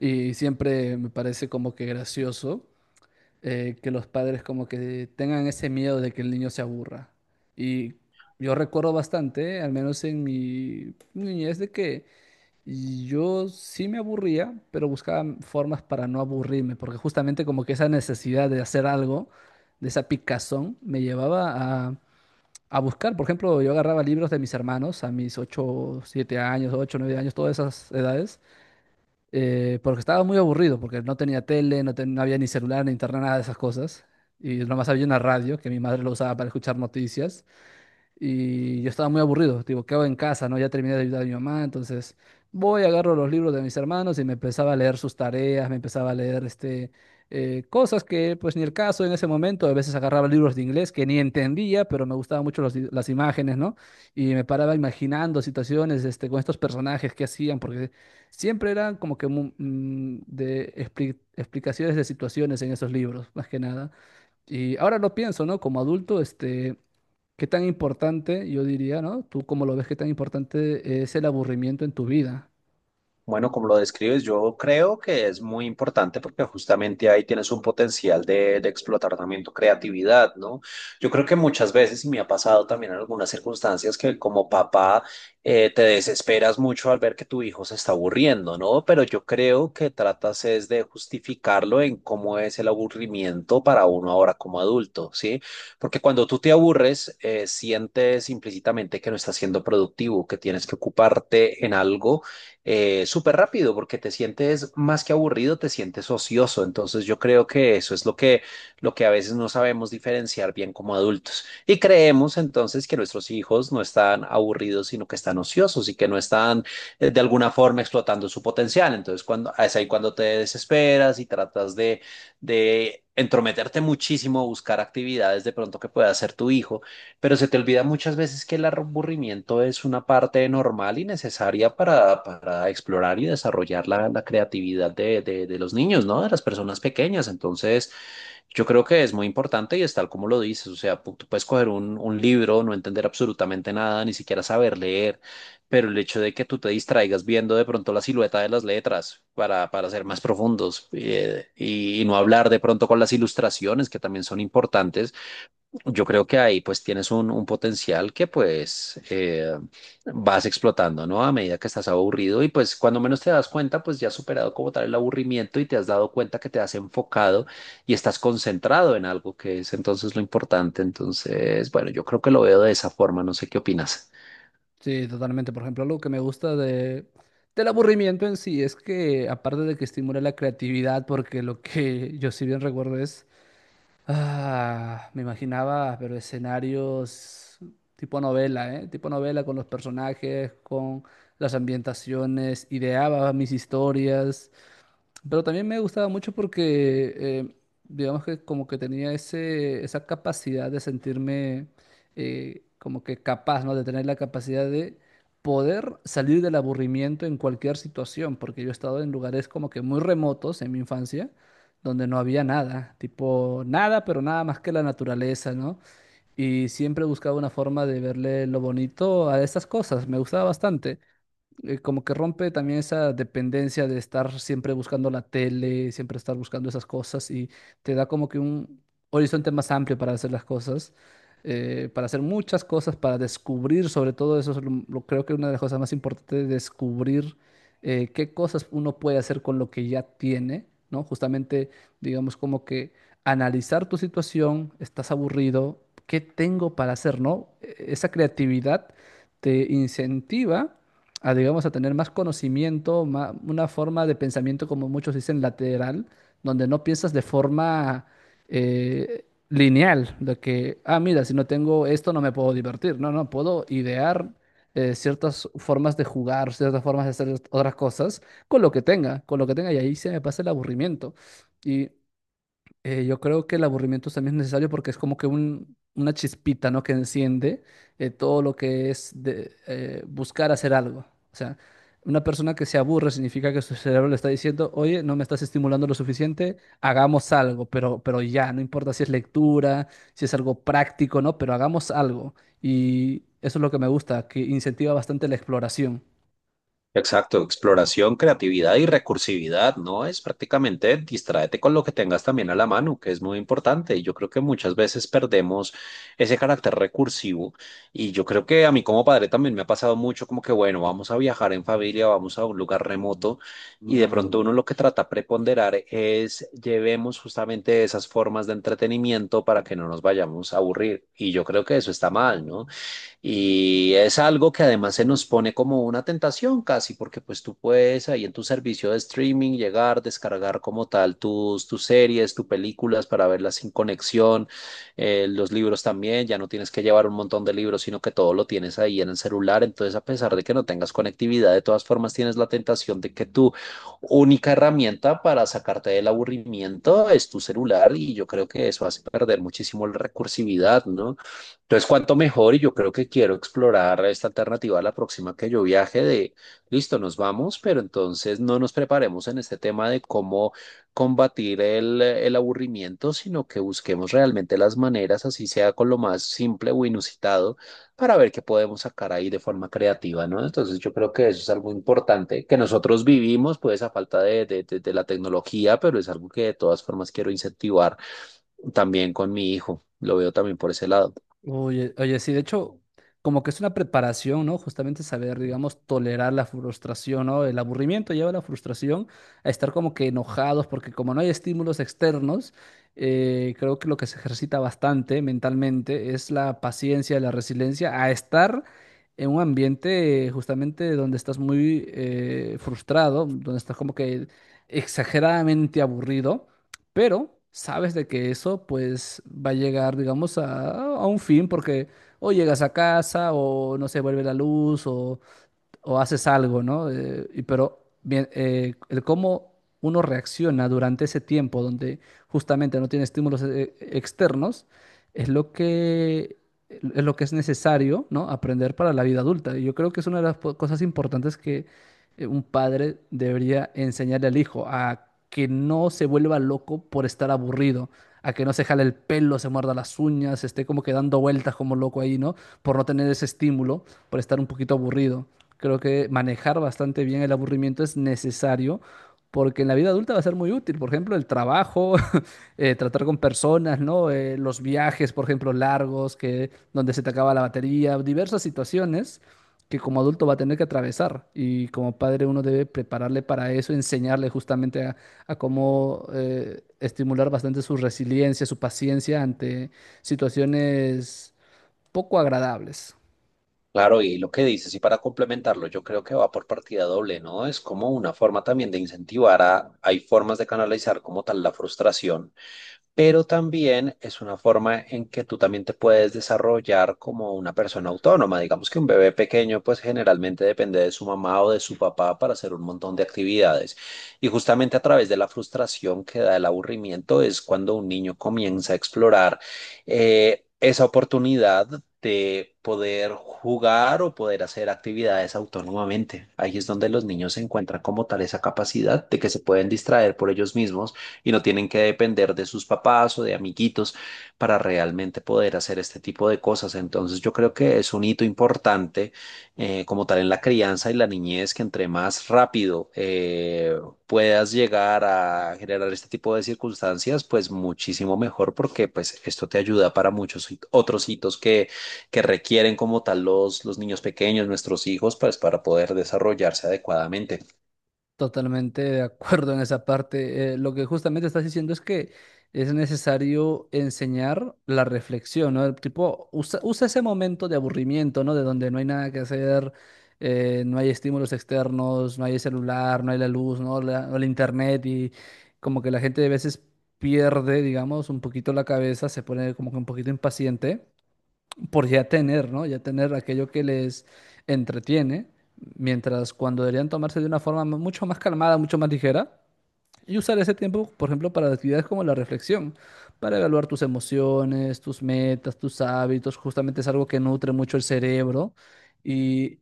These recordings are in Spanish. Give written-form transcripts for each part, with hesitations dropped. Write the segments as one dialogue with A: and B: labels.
A: Y siempre me parece como que gracioso, que los padres como que tengan ese miedo de que el niño se aburra. Y yo recuerdo bastante, al menos en mi niñez, de que yo sí me aburría, pero buscaba formas para no aburrirme, porque justamente como que esa necesidad de hacer algo, de esa picazón, me llevaba a buscar. Por ejemplo, yo agarraba libros de mis hermanos a mis 8 7 años, 8 9 años, todas esas edades, porque estaba muy aburrido, porque no tenía tele, no, no había ni celular, ni internet, nada de esas cosas. Y nomás había una radio que mi madre lo usaba para escuchar noticias. Y yo estaba muy aburrido, digo, ¿qué hago en casa, no? Ya terminé de ayudar a mi mamá, entonces voy, agarro los libros de mis hermanos y me empezaba a leer sus tareas, me empezaba a leer cosas que pues ni el caso en ese momento, a veces agarraba libros de inglés que ni entendía, pero me gustaban mucho los las imágenes, ¿no? Y me paraba imaginando situaciones este, con estos personajes que hacían, porque siempre eran como que de explicaciones de situaciones en esos libros, más que nada. Y ahora lo pienso, ¿no? Como adulto, este... ¿Qué tan importante, yo diría, ¿no? Tú cómo lo ves, ¿qué tan importante es el aburrimiento en tu vida?
B: Bueno, como lo describes, yo creo que es muy importante porque justamente ahí tienes un potencial de explotar también tu creatividad, ¿no? Yo creo que muchas veces, y me ha pasado también en algunas circunstancias, que como papá te desesperas mucho al ver que tu hijo se está aburriendo, ¿no? Pero yo creo que tratas es de justificarlo en cómo es el aburrimiento para uno ahora como adulto, ¿sí? Porque cuando tú te aburres, sientes implícitamente que no estás siendo productivo, que tienes que ocuparte en algo súper rápido porque te sientes más que aburrido, te sientes ocioso. Entonces yo creo que eso es lo que a veces no sabemos diferenciar bien como adultos. Y creemos entonces que nuestros hijos no están aburridos, sino que están ociosos y que no están de alguna forma explotando su potencial. Entonces es ahí cuando te desesperas y tratas de entrometerte muchísimo, buscar actividades de pronto que pueda hacer tu hijo, pero se te olvida muchas veces que el aburrimiento es una parte normal y necesaria para explorar y desarrollar la creatividad de los niños, ¿no? De las personas pequeñas. Entonces, yo creo que es muy importante y es tal como lo dices. O sea, tú puedes coger un libro, no entender absolutamente nada, ni siquiera saber leer, pero el hecho de que tú te distraigas viendo de pronto la silueta de las letras para ser más profundos, y no hablar de pronto con las ilustraciones que también son importantes. Yo creo que ahí pues tienes un potencial que pues vas explotando, ¿no? A medida que estás aburrido y pues cuando menos te das cuenta, pues ya has superado como tal el aburrimiento y te has dado cuenta que te has enfocado y estás concentrado en algo que es entonces lo importante. Entonces, bueno, yo creo que lo veo de esa forma, no sé qué opinas.
A: Sí, totalmente. Por ejemplo, algo que me gusta de, del aburrimiento en sí es que, aparte de que estimula la creatividad, porque lo que yo sí bien recuerdo es, ah, me imaginaba, pero escenarios tipo novela, ¿eh? Tipo novela con los personajes, con las ambientaciones, ideaba mis historias. Pero también me gustaba mucho porque, digamos que como que tenía ese, esa capacidad de sentirme, como que capaz, ¿no? De tener la capacidad de poder salir del aburrimiento en cualquier situación, porque yo he estado en lugares como que muy remotos en mi infancia, donde no había nada, tipo nada, pero nada más que la naturaleza, ¿no? Y siempre buscaba una forma de verle lo bonito a estas cosas, me gustaba bastante, como que rompe también esa dependencia de estar siempre buscando la tele, siempre estar buscando esas cosas y te da como que un horizonte más amplio para hacer las cosas, para hacer muchas cosas, para descubrir sobre todo eso, es creo que una de las cosas más importantes es descubrir, qué cosas uno puede hacer con lo que ya tiene, ¿no? Justamente, digamos como que analizar tu situación, estás aburrido, ¿qué tengo para hacer, ¿no? Esa creatividad te incentiva a, digamos, a tener más conocimiento, una forma de pensamiento, como muchos dicen, lateral, donde no piensas de forma, lineal, de que, ah, mira, si no tengo esto no me puedo divertir, no, no, puedo idear, ciertas formas de jugar, ciertas formas de hacer otras cosas con lo que tenga, con lo que tenga, y ahí se me pasa el aburrimiento. Y yo creo que el aburrimiento también es necesario porque es como que una chispita, ¿no? Que enciende, todo lo que es de, buscar hacer algo. O sea, una persona que se aburre significa que su cerebro le está diciendo, oye, no me estás estimulando lo suficiente, hagamos algo, pero ya, no importa si es lectura, si es algo práctico, ¿no? Pero hagamos algo. Y eso es lo que me gusta, que incentiva bastante la exploración.
B: Exacto, exploración, creatividad y recursividad, ¿no? Es prácticamente distráete con lo que tengas también a la mano, que es muy importante. Y yo creo que muchas veces perdemos ese carácter recursivo. Y yo creo que a mí como padre también me ha pasado mucho como que, bueno, vamos a viajar en familia, vamos a un lugar remoto. Y de pronto uno lo que trata de preponderar es llevemos justamente esas formas de entretenimiento para que no nos vayamos a aburrir. Y yo creo que eso está mal, ¿no? Y es algo que además se nos pone como una tentación casi, porque pues tú puedes ahí en tu servicio de streaming llegar, descargar como tal tus series, tus películas para verlas sin conexión, los libros también, ya no tienes que llevar un montón de libros, sino que todo lo tienes ahí en el celular. Entonces, a pesar de que no tengas conectividad, de todas formas tienes la tentación de que tu única herramienta para sacarte del aburrimiento es tu celular, y yo creo que eso hace perder muchísimo la recursividad, ¿no? Entonces, cuanto mejor, y yo creo que quiero explorar esta alternativa a la próxima que yo viaje, de listo, nos vamos, pero entonces no nos preparemos en este tema de cómo combatir el aburrimiento, sino que busquemos realmente las maneras, así sea con lo más simple o inusitado, para ver qué podemos sacar ahí de forma creativa, ¿no? Entonces, yo creo que eso es algo importante que nosotros vivimos, pues a falta de la tecnología, pero es algo que de todas formas quiero incentivar también con mi hijo. Lo veo también por ese lado.
A: Oye, oye, sí, de hecho, como que es una preparación, ¿no? Justamente saber, digamos, tolerar la frustración, ¿no? El aburrimiento lleva a la frustración, a estar como que enojados, porque como no hay estímulos externos, creo que lo que se ejercita bastante mentalmente es la paciencia, la resiliencia, a estar en un ambiente, justamente donde estás muy, frustrado, donde estás como que exageradamente aburrido. Pero sabes de que eso pues va a llegar, digamos, a un fin porque o llegas a casa o no se vuelve la luz o haces algo, ¿no? Y pero bien, el cómo uno reacciona durante ese tiempo donde justamente no tiene estímulos, externos es lo que es necesario, ¿no? Aprender para la vida adulta. Y yo creo que es una de las cosas importantes que, un padre debería enseñarle al hijo a que no se vuelva loco por estar aburrido, a que no se jale el pelo, se muerda las uñas, esté como que dando vueltas como loco ahí, ¿no? Por no tener ese estímulo, por estar un poquito aburrido. Creo que manejar bastante bien el aburrimiento es necesario porque en la vida adulta va a ser muy útil. Por ejemplo, el trabajo, tratar con personas, ¿no? Los viajes, por ejemplo, largos, que, donde se te acaba la batería, diversas situaciones que como adulto va a tener que atravesar. Y como padre uno debe prepararle para eso, enseñarle justamente a cómo, estimular bastante su resiliencia, su paciencia ante situaciones poco agradables.
B: Claro, y lo que dices, y para complementarlo, yo creo que va por partida doble, ¿no? Es como una forma también de incentivar a, hay formas de canalizar como tal la frustración, pero también es una forma en que tú también te puedes desarrollar como una persona autónoma. Digamos que un bebé pequeño pues generalmente depende de su mamá o de su papá para hacer un montón de actividades. Y justamente a través de la frustración que da el aburrimiento es cuando un niño comienza a explorar esa oportunidad de poder jugar o poder hacer actividades autónomamente. Ahí es donde los niños encuentran como tal esa capacidad de que se pueden distraer por ellos mismos y no tienen que depender de sus papás o de amiguitos para realmente poder hacer este tipo de cosas. Entonces yo creo que es un hito importante como tal en la crianza y la niñez, que entre más rápido puedas llegar a generar este tipo de circunstancias, pues muchísimo mejor, porque pues esto te ayuda para muchos otros hitos que requieren como tal los niños pequeños, nuestros hijos, pues para poder desarrollarse adecuadamente.
A: Totalmente de acuerdo en esa parte. Lo que justamente estás diciendo es que es necesario enseñar la reflexión, ¿no? El tipo, usa ese momento de aburrimiento, ¿no? De donde no hay nada que hacer, no hay estímulos externos, no hay el celular, no hay la luz, ¿no? La, o el internet y como que la gente a veces pierde, digamos, un poquito la cabeza, se pone como que un poquito impaciente por ya tener, ¿no? Ya tener aquello que les entretiene, mientras cuando deberían tomarse de una forma mucho más calmada, mucho más ligera, y usar ese tiempo, por ejemplo, para actividades como la reflexión, para evaluar tus emociones, tus metas, tus hábitos. Justamente es algo que nutre mucho el cerebro y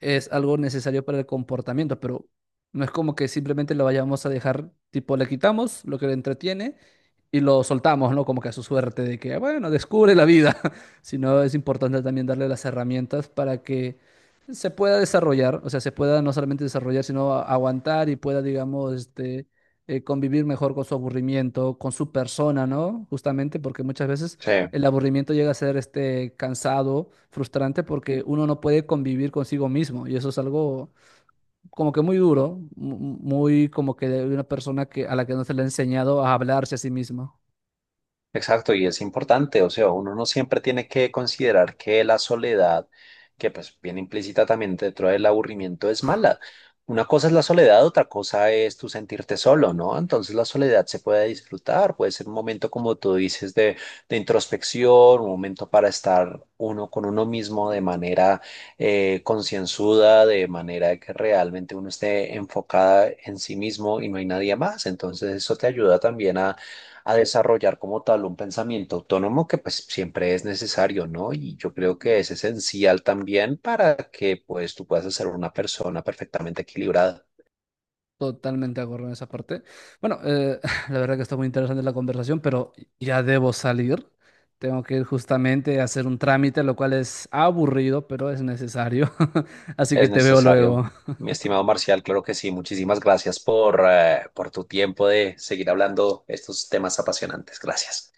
A: es algo necesario para el comportamiento, pero no es como que simplemente lo vayamos a dejar, tipo, le quitamos lo que le entretiene y lo soltamos, ¿no? Como que a su suerte de que, bueno, descubre la vida, sino es importante también darle las herramientas para que se pueda desarrollar, o sea, se pueda no solamente desarrollar, sino aguantar y pueda, digamos, convivir mejor con su aburrimiento, con su persona, ¿no? Justamente porque muchas veces
B: Sí.
A: el aburrimiento llega a ser este cansado, frustrante, porque uno no puede convivir consigo mismo y eso es algo como que muy duro, muy como que de una persona que, a la que no se le ha enseñado a hablarse a sí mismo.
B: Exacto, y es importante, o sea, uno no siempre tiene que considerar que la soledad, que pues viene implícita también dentro del aburrimiento, es mala. Una cosa es la soledad, otra cosa es tu sentirte solo, ¿no? Entonces la soledad se puede disfrutar, puede ser un momento, como tú dices, de introspección, un momento para estar uno con uno mismo de manera concienzuda, de manera que realmente uno esté enfocada en sí mismo y no hay nadie más. Entonces eso te ayuda también a desarrollar como tal un pensamiento autónomo que pues siempre es necesario, ¿no? Y yo creo que es esencial también para que pues tú puedas ser una persona perfectamente equilibrada.
A: Totalmente de acuerdo en esa parte. Bueno, la verdad que está muy interesante la conversación, pero ya debo salir. Tengo que ir justamente a hacer un trámite, lo cual es aburrido, pero es necesario. Así que
B: Es
A: te veo
B: necesario.
A: luego.
B: Mi estimado Marcial, claro que sí. Muchísimas gracias por tu tiempo de seguir hablando estos temas apasionantes. Gracias.